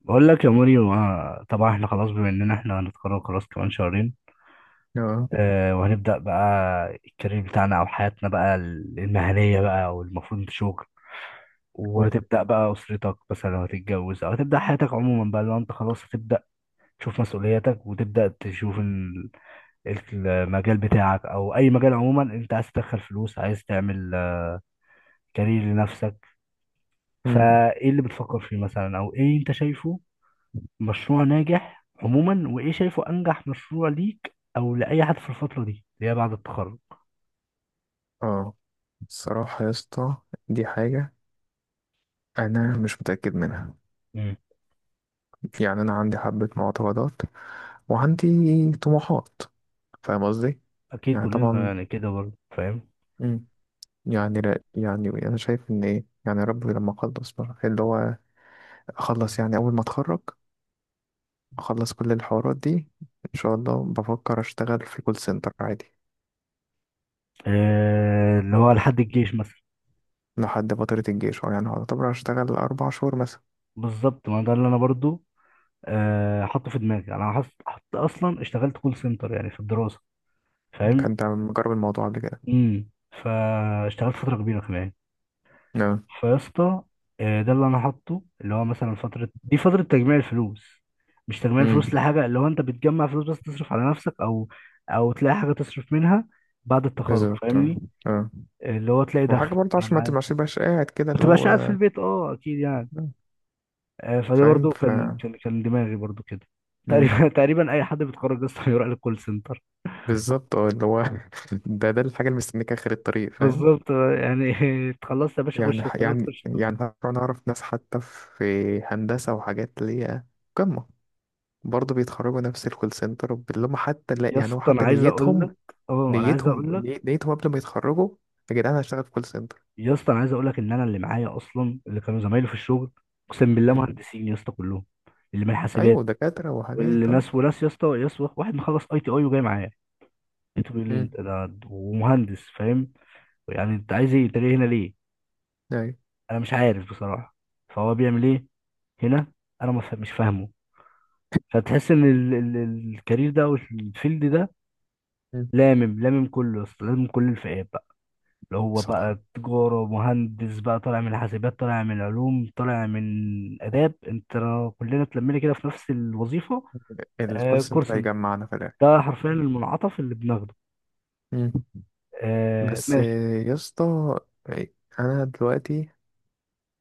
بقول لك يا موريو، طبعا احنا خلاص بما اننا احنا هنتخرج خلاص كمان شهرين. اه اه، وهنبدأ بقى الكارير بتاعنا او حياتنا بقى المهنية بقى، او المفروض انت شغل حلو. وهتبدأ بقى اسرتك، مثلا لو هتتجوز او هتبدأ حياتك عموما بقى، لو انت خلاص هتبدأ تشوف مسؤولياتك وتبدأ تشوف المجال بتاعك او اي مجال عموما. انت عايز تدخل فلوس، عايز تعمل كارير لنفسك. مم. فايه اللي بتفكر فيه مثلا، او ايه انت شايفه مشروع ناجح عموما، وايه شايفه انجح مشروع ليك او لاي حد في الفتره دي اللي هي بعد التخرج؟ اه الصراحة يا اسطى، دي حاجة أنا مش متأكد منها. مم. يعني أنا عندي حبة معتقدات وعندي طموحات، فاهم قصدي؟ اكيد يعني كلنا طبعا. يعني كده، برضه فاهم. مم. يعني لا، يعني أنا شايف إن إيه، يعني ربي لما أخلص بقى، اللي هو أخلص يعني أول ما أتخرج، أخلص كل الحوارات دي. إن شاء الله بفكر أشتغل في كول سنتر عادي. آه، اللي هو لحد الجيش مثلا. لحد فترة الجيش، أو يعني هعتبر أشتغل أربع شهور مثلا. بالظبط، ما ده اللي انا برضه حاطه في دماغي. يعني انا حط اصلا اشتغلت كول سنتر يعني في الدراسه، فاهم. كنت مجرب الموضوع قبل كده. امم. فاشتغلت فتره كبيره كمان. آه. فيا اسطى، ده اللي انا حاطه، اللي هو مثلا فتره دي فتره تجميع الفلوس. مش تجميع مم. الفلوس لحاجه، اللي هو انت بتجمع فلوس بس تصرف على نفسك، او او تلاقي حاجه تصرف منها بعد التخرج، بالظبط، اه. فاهمني. اه، اللي هو تلاقي وحاجة دخل، برضه انا عشان ما معاك. تبقاش قاعد كده ما اللي تبقاش قاعد في هو البيت، اه اكيد يعني. فده فاهم، برضو كان دماغي برضو كده. مم. تقريبا تقريبا اي حد بيتخرج اصلا بيروح للكول سنتر. بالظبط، اه، اللي هو ده الحاجة اللي مستنيك آخر الطريق، فاهم. بالظبط، يعني اتخلصت يا باشا، يعني خش، ح- اتخرجت يعني خش الكول يعني سنتر. أنا أعرف ناس حتى في هندسة وحاجات اللي هي قمة، برضه بيتخرجوا نفس الكول سنتر، اللي هم حتى لا، يا يعني هو اسطى انا حتى عايز اقول نيتهم، لك، اه انا عايز نيتهم اقول لك، ني- نيتهم قبل ما يتخرجوا، يا جدعان أنا هشتغل في كول سنتر. يا اسطى انا عايز اقول لك ان انا اللي معايا اصلا، اللي كانوا زمايلي في الشغل، اقسم بالله مم. مهندسين يا اسطى كلهم. اللي من حاسبات، أيوه، دكاترة واللي وحاجات، اه. ناس وناس يا اسطى واحد مخلص اي تي اي وجاي معايا، لقيته بيقول لي مم. انت ده ومهندس، فاهم؟ يعني انت عايز ايه، انت جاي هنا ليه؟ أيوه. انا مش عارف بصراحه. فهو بيعمل ايه هنا؟ انا ما فا- مش فاهمه. فتحس ان الكارير ده او الفيلد ده مم. لامم لامم كله يا اسطى، كل الفئات، اللي هو صح، بقى تجارة ومهندس بقى، طالع من الحاسبات، طالع من العلوم، طالع من آداب، انت كلنا اتلمينا كده في نفس الوظيفة. الكول آه، كول سنتر سنتر هيجمعنا في الآخر. ده حرفيا المنعطف اللي بناخده. مم. آه بس ماشي. يا اسطى، أنا دلوقتي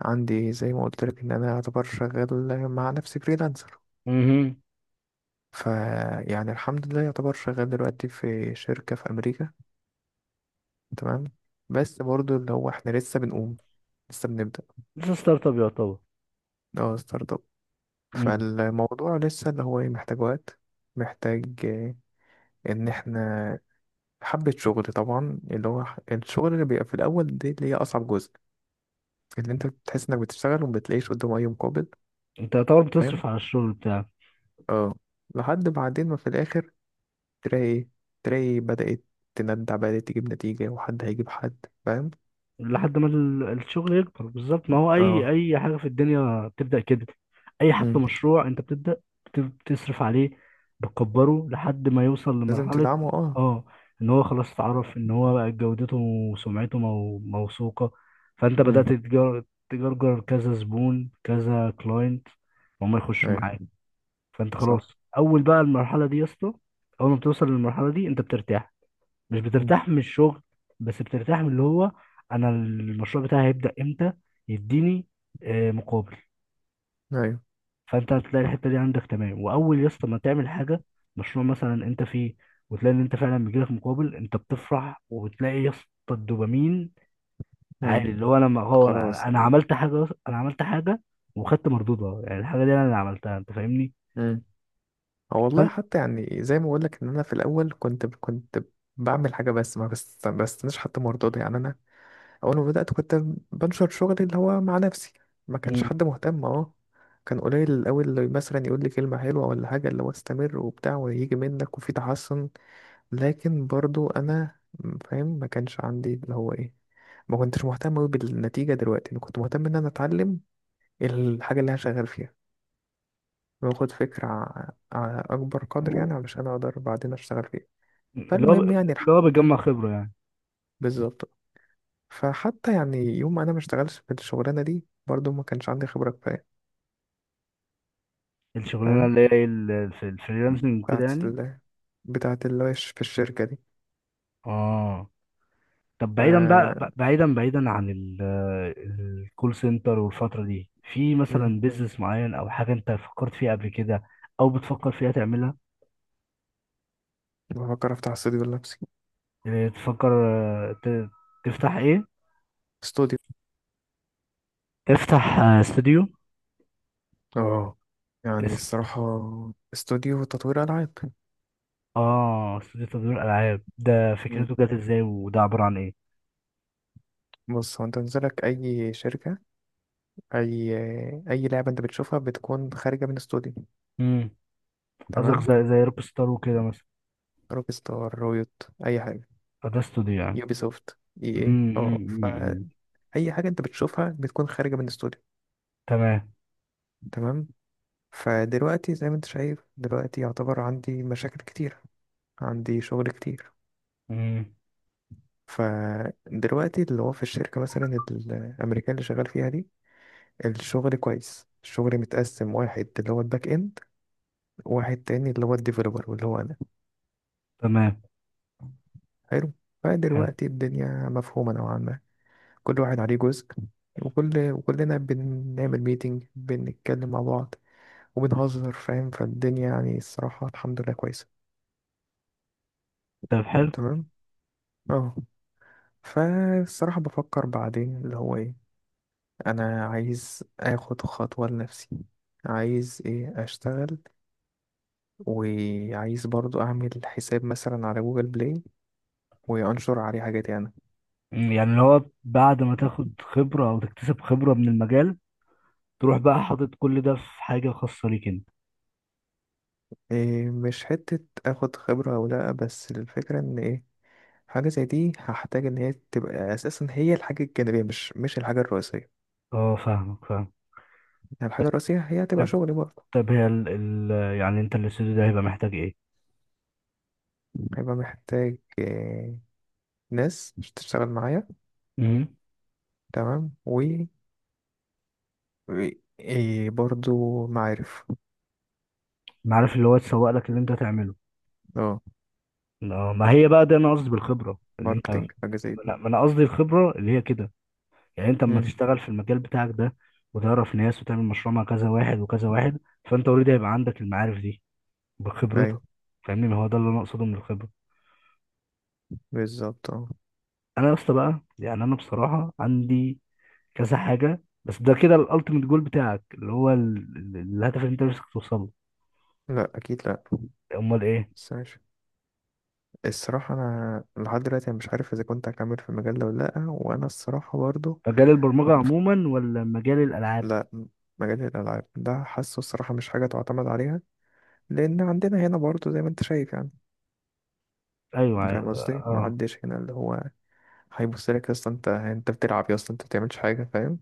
عندي زي ما قلت لك إن أنا يعتبر شغال مع نفسي فريلانسر. مهم. فيعني الحمد لله يعتبر شغال دلوقتي في شركة في أمريكا، تمام؟ بس برضه اللي هو إحنا لسه بنبدأ. لسه ستارت اب يعتبر. اه ستارت اب. مم. فالموضوع لسه اللي هو إيه، محتاج وقت، محتاج آه، إن إحنا حبة شغل. طبعا اللي هو الشغل اللي بيبقى في الأول دي اللي هي أصعب جزء، اللي انت بتحس انك بتشتغل وما بتلاقيش قدامه اي مقابل. انت يعتبر فاهم، بتصرف على الشغل بتاعك. اه، لحد بعدين ما في الاخر تلاقي ايه، تلاقي بدأت تندع، بدأت تجيب نتيجة، وحد هيجيب حد، فاهم. لحد ما الشغل يكبر. بالظبط، ما هو اي اه. اي حاجه في الدنيا بتبدا كده. اي حتى مم. مشروع انت بتبدا بتصرف عليه، بتكبره لحد ما يوصل لازم لمرحله، تدعمه، اه. اه، ان هو خلاص اتعرف ان هو بقى جودته وسمعته موثوقه. فانت مم. تجرجر كذا زبون كذا كلاينت، وهم يخشوا ايوه. معاك. فانت خلاص، صح. اول بقى المرحله دي يا اسطى، اول ما بتوصل للمرحله دي انت بترتاح. مش مم. بترتاح من الشغل، بس بترتاح من اللي هو، انا المشروع بتاعي هيبدأ امتى يديني مقابل. ايوه. فانت هتلاقي الحتة دي عندك، تمام. واول يا اسطى ما تعمل حاجة، مشروع مثلا انت فيه، وتلاقي ان انت فعلا بيجيلك مقابل، انت بتفرح وبتلاقي يا اسطى الدوبامين مم. عالي. اللي هو انا خلاص. أنا عملت حاجة، انا عملت حاجة وخدت مردودها. يعني الحاجة دي انا اللي عملتها، انت فاهمني. مم. هو والله فانت. حتى، يعني زي ما بقول لك ان انا في الاول كنت بعمل حاجة، بس ما بستناش حتى مرضاضي. يعني انا اول ما بدات كنت بنشر شغلي اللي هو مع نفسي، ما كانش مم. حد مهتم، اه. كان قليل الاول اللي مثلا يقول لي كلمه حلوه ولا حاجه، اللي هو استمر وبتاع وهيجي منك وفي تحسن. لكن برضو انا فاهم، ما كانش عندي اللي هو ايه، ما كنتش مهتم أوي بالنتيجه. دلوقتي انا كنت مهتم ان انا اتعلم الحاجه اللي انا شغال فيها، واخد فكره على اكبر قدر، يعني علشان اقدر بعدين اشتغل فيها. اللي هو فالمهم ب- يعني اللي الحمد هو لله. بيجمع خبرة يعني. بالظبط. فحتى يعني يوم ما انا ما اشتغلش في الشغلانه دي، برضو ما كانش عندي خبره كفايه، الشغلانة فاهم. اللي هي في الفريلانسنج وكده بتاعت يعني. ال... بتاعت اللي هو في الشركه دي. اه. طب بعيدا بقى، ف بعيدا عن الكول سنتر والفترة دي، في مم. مثلا بيزنس معين او حاجة انت فكرت فيها قبل كده، او بتفكر فيها تعملها؟ بفكر افتح استوديو لنفسي. إيه، تفكر تفتح ايه؟ استوديو، تفتح استوديو. اه، يعني اس- الصراحه استوديو تطوير العاب. اه استوديو تطوير العاب. ده مم. فكرته جت ازاي، وده عبارة عن ايه؟ بص، هو انت نزلك اي شركه، اي اي لعبه انت بتشوفها بتكون خارجه من استوديو، امم. قصدك تمام؟ زي روك ستار وكده مثلا؟ روك ستار، رويوت، اي حاجه، فده استوديو يعني. يوبي سوفت، اي ايه، امم. اه، أمم، أمم، أمم. فاي حاجه انت بتشوفها بتكون خارجه من استوديو، تمام. تمام. فدلوقتي زي ما انت شايف، دلوقتي يعتبر عندي مشاكل كتير، عندي شغل كتير. امم. فدلوقتي اللي هو في الشركة مثلا الأمريكان اللي شغال فيها دي، الشغل كويس، الشغل متقسم. واحد اللي هو الباك إند، وواحد تاني اللي هو الديفلوبر، واللي هو أنا. تمام. حلو. حلو. فدلوقتي الدنيا مفهومة نوعا ما. كل واحد عليه جزء، وكلنا بنعمل ميتنج، بنتكلم مع بعض وبنهزر، فاهم. فالدنيا يعني الصراحة الحمد لله كويسة. طب حلو. تمام، اه. فالصراحة بفكر بعدين اللي هو ايه، انا عايز اخد خطوة لنفسي، عايز ايه اشتغل، وعايز برضو اعمل حساب مثلا على جوجل بلاي وانشر عليه حاجاتي انا. مم، يعني اللي هو بعد ما تاخد خبرة أو تكتسب خبرة من المجال، تروح بقى حاطط كل ده في حاجة خاصة ليك أنت. إيه، مش حتة اخد خبرة او لا، بس الفكرة ان ايه، حاجة زي دي هحتاج ان هي تبقى اساسا هي الحاجة الجانبية، مش الحاجة الرئيسية. أه فاهمك، فاهم. يعني الحاجة الرئيسية هي هتبقى طيب. شغلي برضه. طب هي ال ال يعني أنت الاستوديو ده هيبقى محتاج إيه؟ هيبقى محتاج إيه؟ ناس تشتغل معايا، امم. تمام، إيه برضو معارف. عارف اللي هو تسوق لك اللي أنت هتعمله. اه، أه، ما هي بقى ده أنا قصدي بالخبرة اللي أنت. ماركتينج حاجة زي دي. لا، ما أنا قصدي الخبرة اللي هي كده، يعني أنت لما مم. تشتغل في المجال بتاعك ده وتعرف ناس وتعمل مشروع مع كذا واحد وكذا واحد، فأنت أوريدي هيبقى عندك المعارف دي بخبرتك، أيوه، فاهمني. ما هو ده اللي أنا أقصده من الخبرة. بالظبط، اه. انا يا اسطى بقى، يعني انا بصراحه عندي كذا حاجه، بس ده كده الالتيميت جول بتاعك، اللي هو الهدف اللي انت نفسك توصله؟ لأ أكيد، لأ. امال ايه. بس ماشي. الصراحة أنا لحد دلوقتي أنا مش عارف إذا كنت هكمل في المجال ده ولا لأ، وأنا الصراحة برضو مجال البرمجه منف- عموما ولا مجال الالعاب؟ لأ. مجال الألعاب ده حاسه الصراحة مش حاجة تعتمد عليها، لأن عندنا هنا برضو زي ما أنت شايف، يعني ايوه، فاهم قصدي؟ اه. محدش هنا اللي هو هيبصلك أصلا، أنت بتلعب يا، أصلا أنت بتعملش حاجة، فاهم؟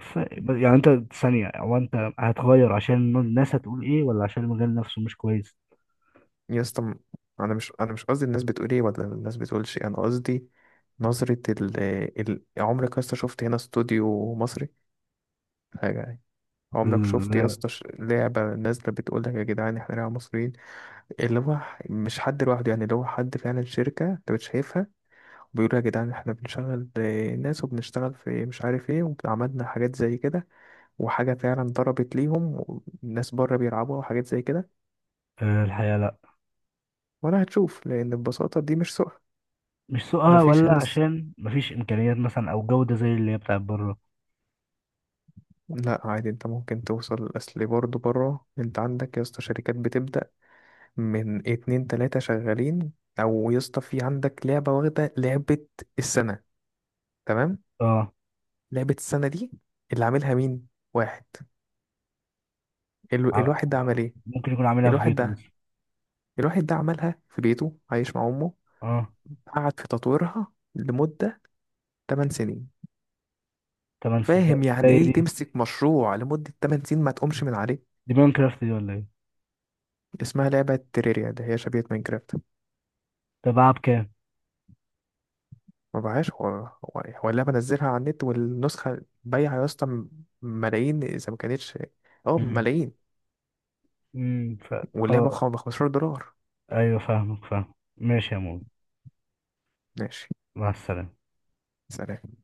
ف... يعني انت ثانيه، هو انت هتغير عشان الناس هتقول ايه، ولا عشان المجال نفسه مش كويس؟ يا اسطى م- انا مش قصدي الناس بتقول ايه ولا الناس بتقولش إيه، انا قصدي نظرة ال عمرك يا اسطى شفت هنا استوديو مصري، حاجة يعني؟ عمرك شفت يا لا. اسطى لعبة نازلة بتقول لك يا جدعان احنا لعبة مصريين؟ اللي هو مش حد لوحده، يعني اللي هو حد فعلا شركة انت بتشايفها وبيقولوا يا جدعان احنا بنشغل آه، ناس وبنشتغل في مش عارف ايه، وعملنا حاجات زي كده وحاجة فعلا ضربت ليهم والناس بره بيلعبوها وحاجات زي كده. آه، الحقيقه لا. ولا هتشوف، لأن ببساطة دي مش سوق. مش سوقها، مفيش ولا هنا. عشان مفيش امكانيات مثلا او جوده زي اللي هي بتاعت بره؟ لا عادي، انت ممكن توصل. اصل برضه بره انت عندك يا اسطى شركات بتبدأ من اتنين تلاتة شغالين. او يا اسطى في عندك لعبة واخدة لعبة السنة، تمام؟ اه. لعبة السنة دي، اللي عاملها مين؟ واحد. ال... ع- الواحد ده عمل ايه؟ ممكن يكون عاملها في الواحد بيته ده مثلا. الواحد ده عملها في بيته، عايش مع امه، اه، قعد في تطويرها لمدة 8 سنين. تمن فاهم سيزونات ده يعني ايه ايه دي؟ تمسك مشروع لمدة 8 سنين ما تقومش من عليه؟ دي ماين كرافت دي ولا ايه؟ اسمها لعبة تريريا، ده هي شبيهة ماينكرافت. تبعها بكام؟ ما بقاش، هو اللعبة نزلها على النت، والنسخة بايعة يا اسطى ملايين، إذا ما كانتش اه امم. ملايين. امم، واللعبة ب فخلاص. 15 دولار. ايوه فاهمك، فاهم، ماشي يا مول. ماشي، مع السلامة. سلام.